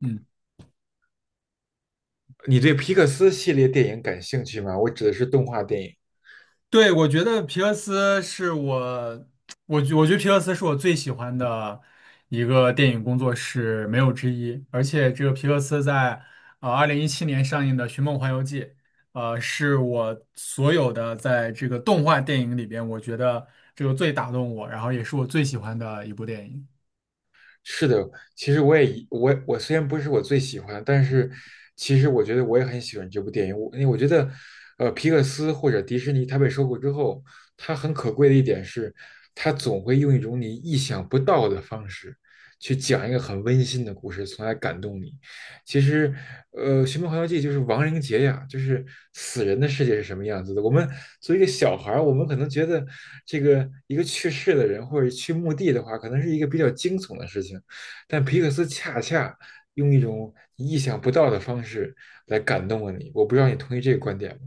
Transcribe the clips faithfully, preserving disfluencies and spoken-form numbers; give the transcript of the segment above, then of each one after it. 嗯，你对皮克斯系列电影感兴趣吗？我指的是动画电影。对，我觉得皮克斯是我，我觉我觉得皮克斯是我最喜欢的一个电影工作室，没有之一。而且这个皮克斯在呃二零一七年上映的《寻梦环游记》，呃，是我所有的在这个动画电影里边，我觉得这个最打动我，然后也是我最喜欢的一部电影。是的，其实我也一我我虽然不是我最喜欢，但是其实我觉得我也很喜欢这部电影。我因为我觉得，呃，皮克斯或者迪士尼它被收购之后，它很可贵的一点是，它总会用一种你意想不到的方式去讲一个很温馨的故事，从而感动你。其实，呃，《寻梦环游记》就是亡灵节呀，就是死人的世界是什么样子的。我们作为一个小孩儿，我们可能觉得这个一个去世的人或者去墓地的话，可能是一个比较惊悚的事情，但皮克斯恰恰用一种意想不到的方式来感动了你。我不知道你同意这个观点吗？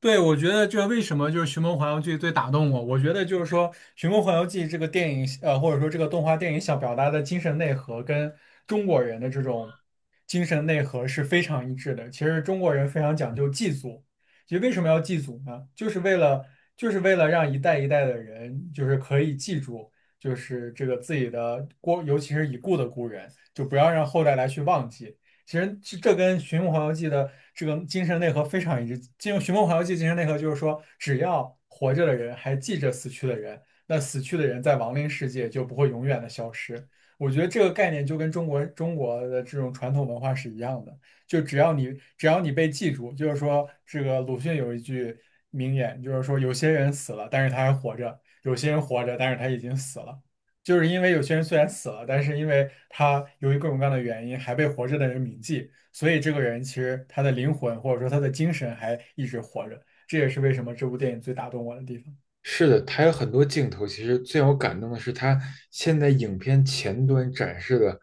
对，我觉得这为什么就是《寻梦环游记》最打动我？我觉得就是说，《寻梦环游记》这个电影，呃，或者说这个动画电影想表达的精神内核，跟中国人的这种精神内核是非常一致的。其实中国人非常讲究祭祖，其实为什么要祭祖呢？就是为了就是为了让一代一代的人，就是可以记住，就是这个自己的过，尤其是已故的故人，就不要让后代来去忘记。其实这这跟《寻梦环游记》的这个精神内核非常一致。进入《寻梦环游记》精神内核就是说，只要活着的人还记着死去的人，那死去的人在亡灵世界就不会永远的消失。我觉得这个概念就跟中国中国的这种传统文化是一样的，就只要你只要你被记住，就是说这个鲁迅有一句名言，就是说有些人死了，但是他还活着；有些人活着，但是他已经死了。就是因为有些人虽然死了，但是因为他由于各种各样的原因还被活着的人铭记，所以这个人其实他的灵魂或者说他的精神还一直活着。这也是为什么这部电影最打动我的地方。是的，他有很多镜头。其实最让我感动的是，他现在影片前端展示的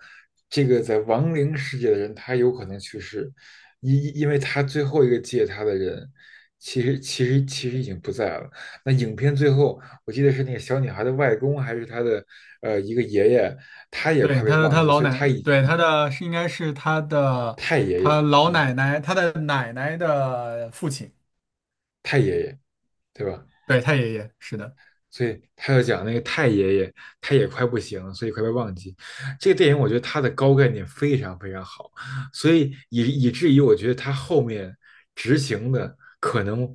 这个在亡灵世界的人，他有可能去世，因因为他最后一个接他的人，其实其实其实已经不在了。那影片最后，我记得是那个小女孩的外公还是她的呃一个爷爷，他也对，快被他的忘他记，老所以奶，他以对，他的是应该是他的太爷他爷，老嗯，奶奶，他的奶奶的父亲，太爷爷，对吧？对，他爷爷，是的。所以他要讲那个太爷爷，他也快不行了，所以快被忘记。这个电影我觉得它的高概念非常非常好，所以以以至于我觉得他后面执行的可能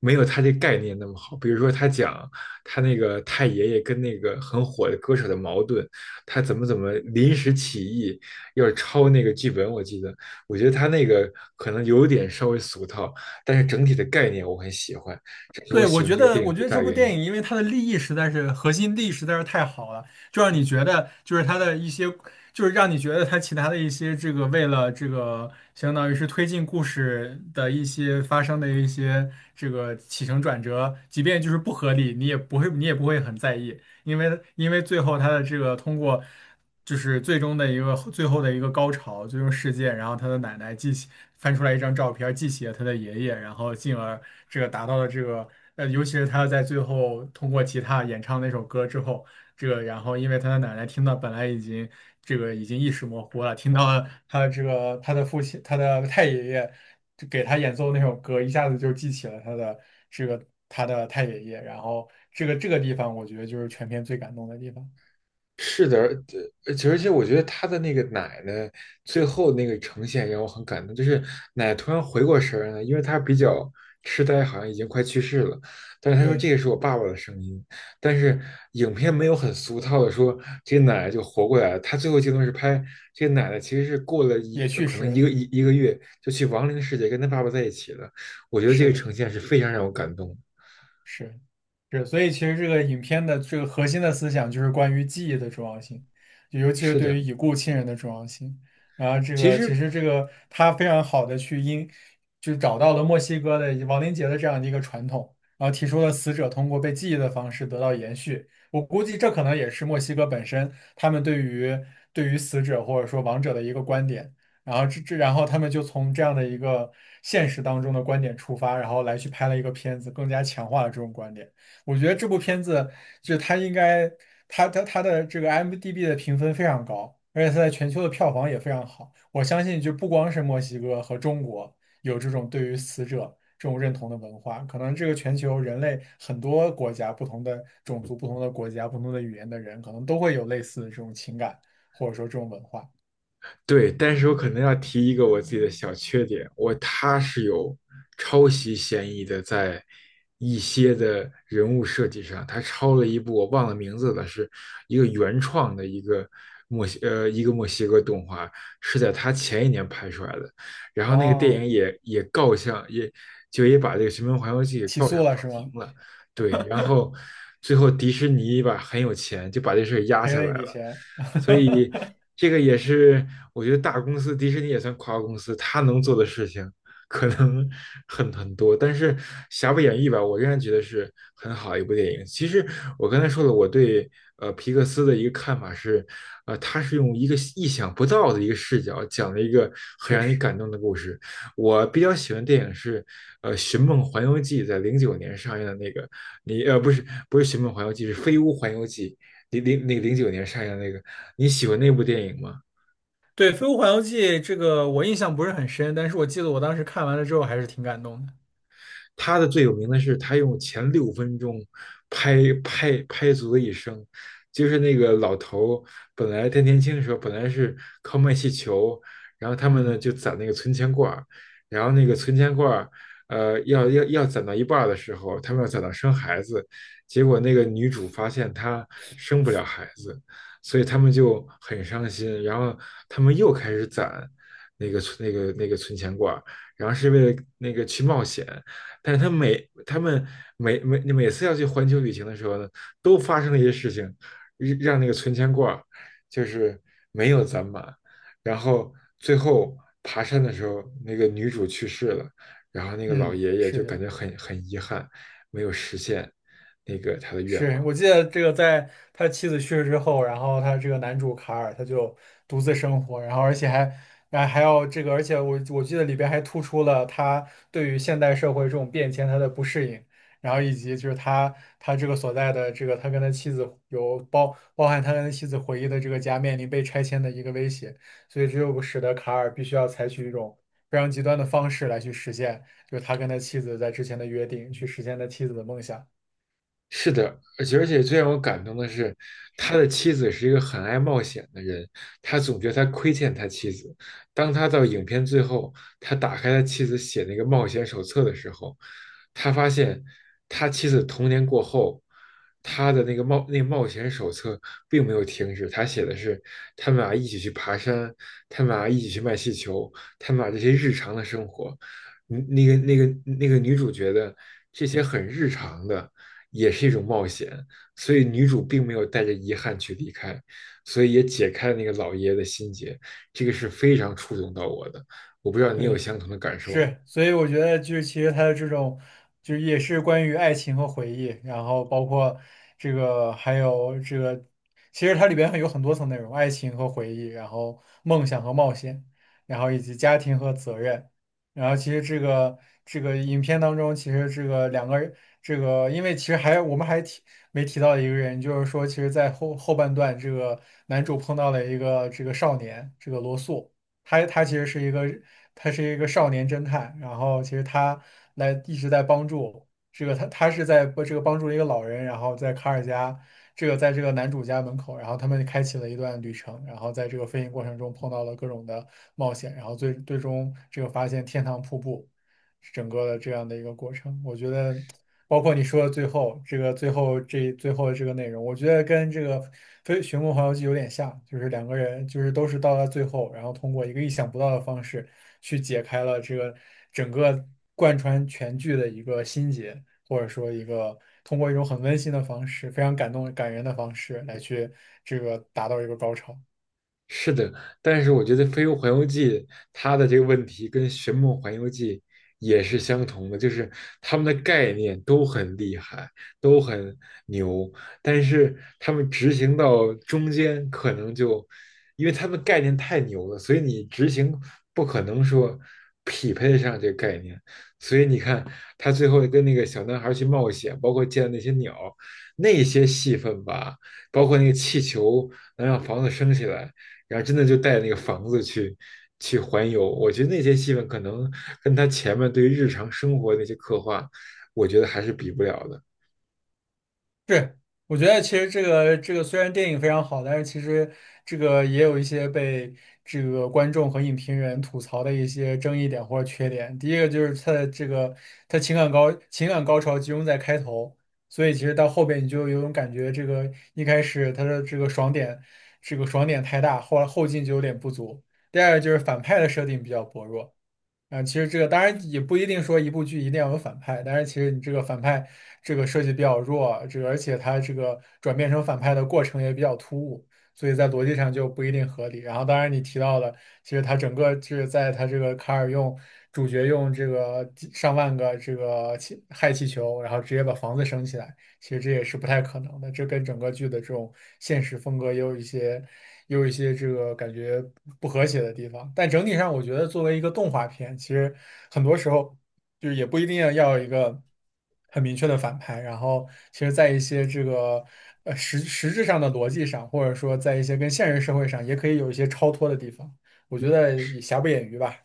没有他这概念那么好。比如说他讲他那个太爷爷跟那个很火的歌手的矛盾，他怎么怎么临时起意要抄那个剧本，我记得，我觉得他那个可能有点稍微俗套，但是整体的概念我很喜欢，这是我对，我喜欢觉这个得，电影我觉最得这大部原电因。影，因为它的利益实在是核心利益实在是太好了，就让你觉得，就是它的一些，就是让你觉得它其他的一些这个为了这个，相当于是推进故事的一些发生的一些这个起承转折，即便就是不合理，你也不会，你也不会很在意，因为因为最后它的这个通过。就是最终的一个最后的一个高潮，最终事件，然后他的奶奶记起翻出来一张照片，记起了他的爷爷，然后进而这个达到了这个呃，尤其是他在最后通过吉他演唱那首歌之后，这个然后因为他的奶奶听到本来已经这个已经意识模糊了，听到了他的这个他的父亲他的太爷爷就给他演奏那首歌，一下子就记起了他的这个他的太爷爷，然后这个这个地方我觉得就是全片最感动的地方。是的，而而且而且，我觉得他的那个奶奶最后那个呈现让我很感动，就是奶奶突然回过神儿来，因为她比较痴呆，好像已经快去世了。但是她说对，这个是我爸爸的声音，但是影片没有很俗套的说这个奶奶就活过来了。她最后镜头是拍这个奶奶其实是过了一也呃去可世能一了。个一一个月就去亡灵世界跟他爸爸在一起了。我觉得这是个的。呈现是非常让我感动的。是是，所以其实这个影片的这个核心的思想就是关于记忆的重要性，就尤其是是对于的，已故亲人的重要性。然后这其个其实实这个他非常好的去因，就找到了墨西哥的亡灵节的这样的一个传统，然后提出了死者通过被记忆的方式得到延续。我估计这可能也是墨西哥本身他们对于对于死者或者说亡者的一个观点。然后这这，然后他们就从这样的一个现实当中的观点出发，然后来去拍了一个片子，更加强化了这种观点。我觉得这部片子就是它应该，它它它的这个 I M D B 的评分非常高，而且它在全球的票房也非常好。我相信，就不光是墨西哥和中国有这种对于死者这种认同的文化，可能这个全球人类很多国家、不同的种族、不同的国家、不同的语言的人，可能都会有类似的这种情感，或者说这种文化。对，但是我可能要提一个我自己的小缺点，我他是有抄袭嫌疑的，在一些的人物设计上，他抄了一部我忘了名字了，是一个原创的一个墨西呃一个墨西哥动画，是在他前一年拍出来的，然后那个电影哦。也也告上也就也把这个《寻梦环游记》给起告上诉法了是吗？庭了，对，然后最后迪士尼吧很有钱，就把这事儿压赔下了来一笔了，钱，所以 这个也是我觉得大公司迪士尼也算跨国公司，它能做的事情可能很很多，但是瑕不掩瑜吧，我仍然觉得是很好一部电影。其实我刚才说了，我对呃皮克斯的一个看法是，呃，他是用一个意想不到的一个视角讲了一个很确让你感实。动的故事。我比较喜欢电影是，呃，《寻梦环游记》在零九年上映的那个，你呃不是不是《寻梦环游记》，是《飞屋环游记》，零零那个零九年上映的那个，你喜欢那部电影吗？对，《飞屋环游记》这个我印象不是很深，但是我记得我当时看完了之后还是挺感动的。他的最有名的是他用前六分钟拍拍拍足了一生，就是那个老头本来他年轻的时候本来是靠卖气球，然后他们呢嗯。就攒那个存钱罐儿，然后那个存钱罐儿，呃，要要要攒到一半儿的时候，他们要攒到生孩子，结果那个女主发现她生不了孩子，所以他们就很伤心，然后他们又开始攒那个存那个那个存钱罐儿，然后是为了那个去冒险，但是他每他们每每每次要去环球旅行的时候呢，都发生了一些事情，让让那个存钱罐儿就是没有攒满，然后最后爬山的时候，那个女主去世了，然后那个老嗯，爷爷是就感的。觉很很遗憾，没有实现那个他的愿是，望。我记得这个，在他妻子去世之后，然后他这个男主卡尔他就独自生活，然后而且还还还要这个，而且我我记得里边还突出了他对于现代社会这种变迁他的不适应，然后以及就是他他这个所在的这个他跟他妻子有包包含他跟他妻子回忆的这个家面临被拆迁的一个威胁，所以这就使得卡尔必须要采取一种非常极端的方式来去实现，就是他跟他妻子在之前的约定，去实现他妻子的梦想。是的，而且而且最让我感动的是，他的妻子是一个很爱冒险的人，他总觉得他亏欠他妻子。当他到影片最后，他打开他妻子写那个冒险手册的时候，他发现他妻子童年过后，他的那个冒那个冒险手册并没有停止，他写的是他们俩一起去爬山，他们俩一起去卖气球，他们俩这些日常的生活。嗯那个那个那个女主觉得这些很日常的也是一种冒险，所以女主并没有带着遗憾去离开，所以也解开了那个老爷爷的心结，这个是非常触动到我的。我不知道你有对。相同的感受吗？是，所以我觉得就是其实他的这种，就是也是关于爱情和回忆，然后包括这个还有这个，其实它里边有很多层内容，爱情和回忆，然后梦想和冒险，然后以及家庭和责任，然后其实这个这个影片当中，其实这个两个人，这个因为其实还我们还提没提到一个人，就是说其实在后后半段，这个男主碰到了一个这个少年，这个罗素。他他其实是一个他是一个少年侦探，然后其实他来一直在帮助这个他他是在不这个帮助一个老人，然后在卡尔加这个在这个男主家门口，然后他们开启了一段旅程，然后在这个飞行过程中碰到了各种的冒险，然后最最终这个发现天堂瀑布整个的这样的一个过程，我觉得包括你说的最后这个最后这最后的这个内容，我觉得跟这个《非寻梦环游记》有点像，就是两个人就是都是到了最后，然后通过一个意想不到的方式去解开了这个整个贯穿全剧的一个心结，或者说一个通过一种很温馨的方式，非常感动感人的方式来去这个达到一个高潮。是的，但是我觉得《飞屋环游记》它的这个问题跟《寻梦环游记》也是相同的，就是他们的概念都很厉害，都很牛，但是他们执行到中间可能就，因为他们概念太牛了，所以你执行不可能说匹配得上这个概念，所以你看他最后跟那个小男孩去冒险，包括见那些鸟，那些戏份吧，包括那个气球能让房子升起来。然后真的就带那个房子去去环游。我觉得那些戏份可能跟他前面对于日常生活那些刻画，我觉得还是比不了的。对，我觉得其实这个这个虽然电影非常好，但是其实这个也有一些被这个观众和影评人吐槽的一些争议点或者缺点。第一个就是它的这个它情感高情感高潮集中在开头，所以其实到后边你就有种感觉，这个一开始它的这个爽点这个爽点太大，后来后劲就有点不足。第二个就是反派的设定比较薄弱。啊，其实这个当然也不一定说一部剧一定要有反派，但是其实你这个反派这个设计比较弱，这个而且他这个转变成反派的过程也比较突兀，所以在逻辑上就不一定合理。然后当然你提到了，其实他整个就是在他这个卡尔用主角用这个几上万个这个气氦气球，然后直接把房子升起来，其实这也是不太可能的，这跟整个剧的这种现实风格也有一些。也有一些这个感觉不和谐的地方。但整体上，我觉得作为一个动画片，其实很多时候就是也不一定要要有一个很明确的反派。然后，其实，在一些这个呃实实质上的逻辑上，或者说在一些跟现实社会上，也可以有一些超脱的地方。我觉得也瑕不掩瑜吧。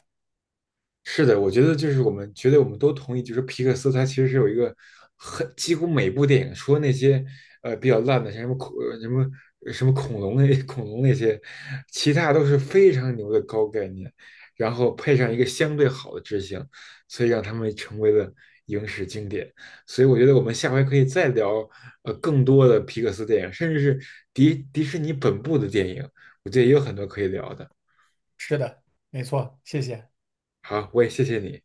是的，我觉得就是我们觉得我们都同意，就是皮克斯它其实是有一个很几乎每部电影，除了那些呃比较烂的，像什么恐呃什么什么恐龙那 恐龙那些，其他都是非常牛的高概念，然后配上一个相对好的执行，所以让他们成为了影史经典。所以我觉得我们下回可以再聊呃更多的皮克斯电影，甚至是迪迪士尼本部的电影，我觉得也有很多可以聊的。是的，没错，谢谢。好，我也谢谢你。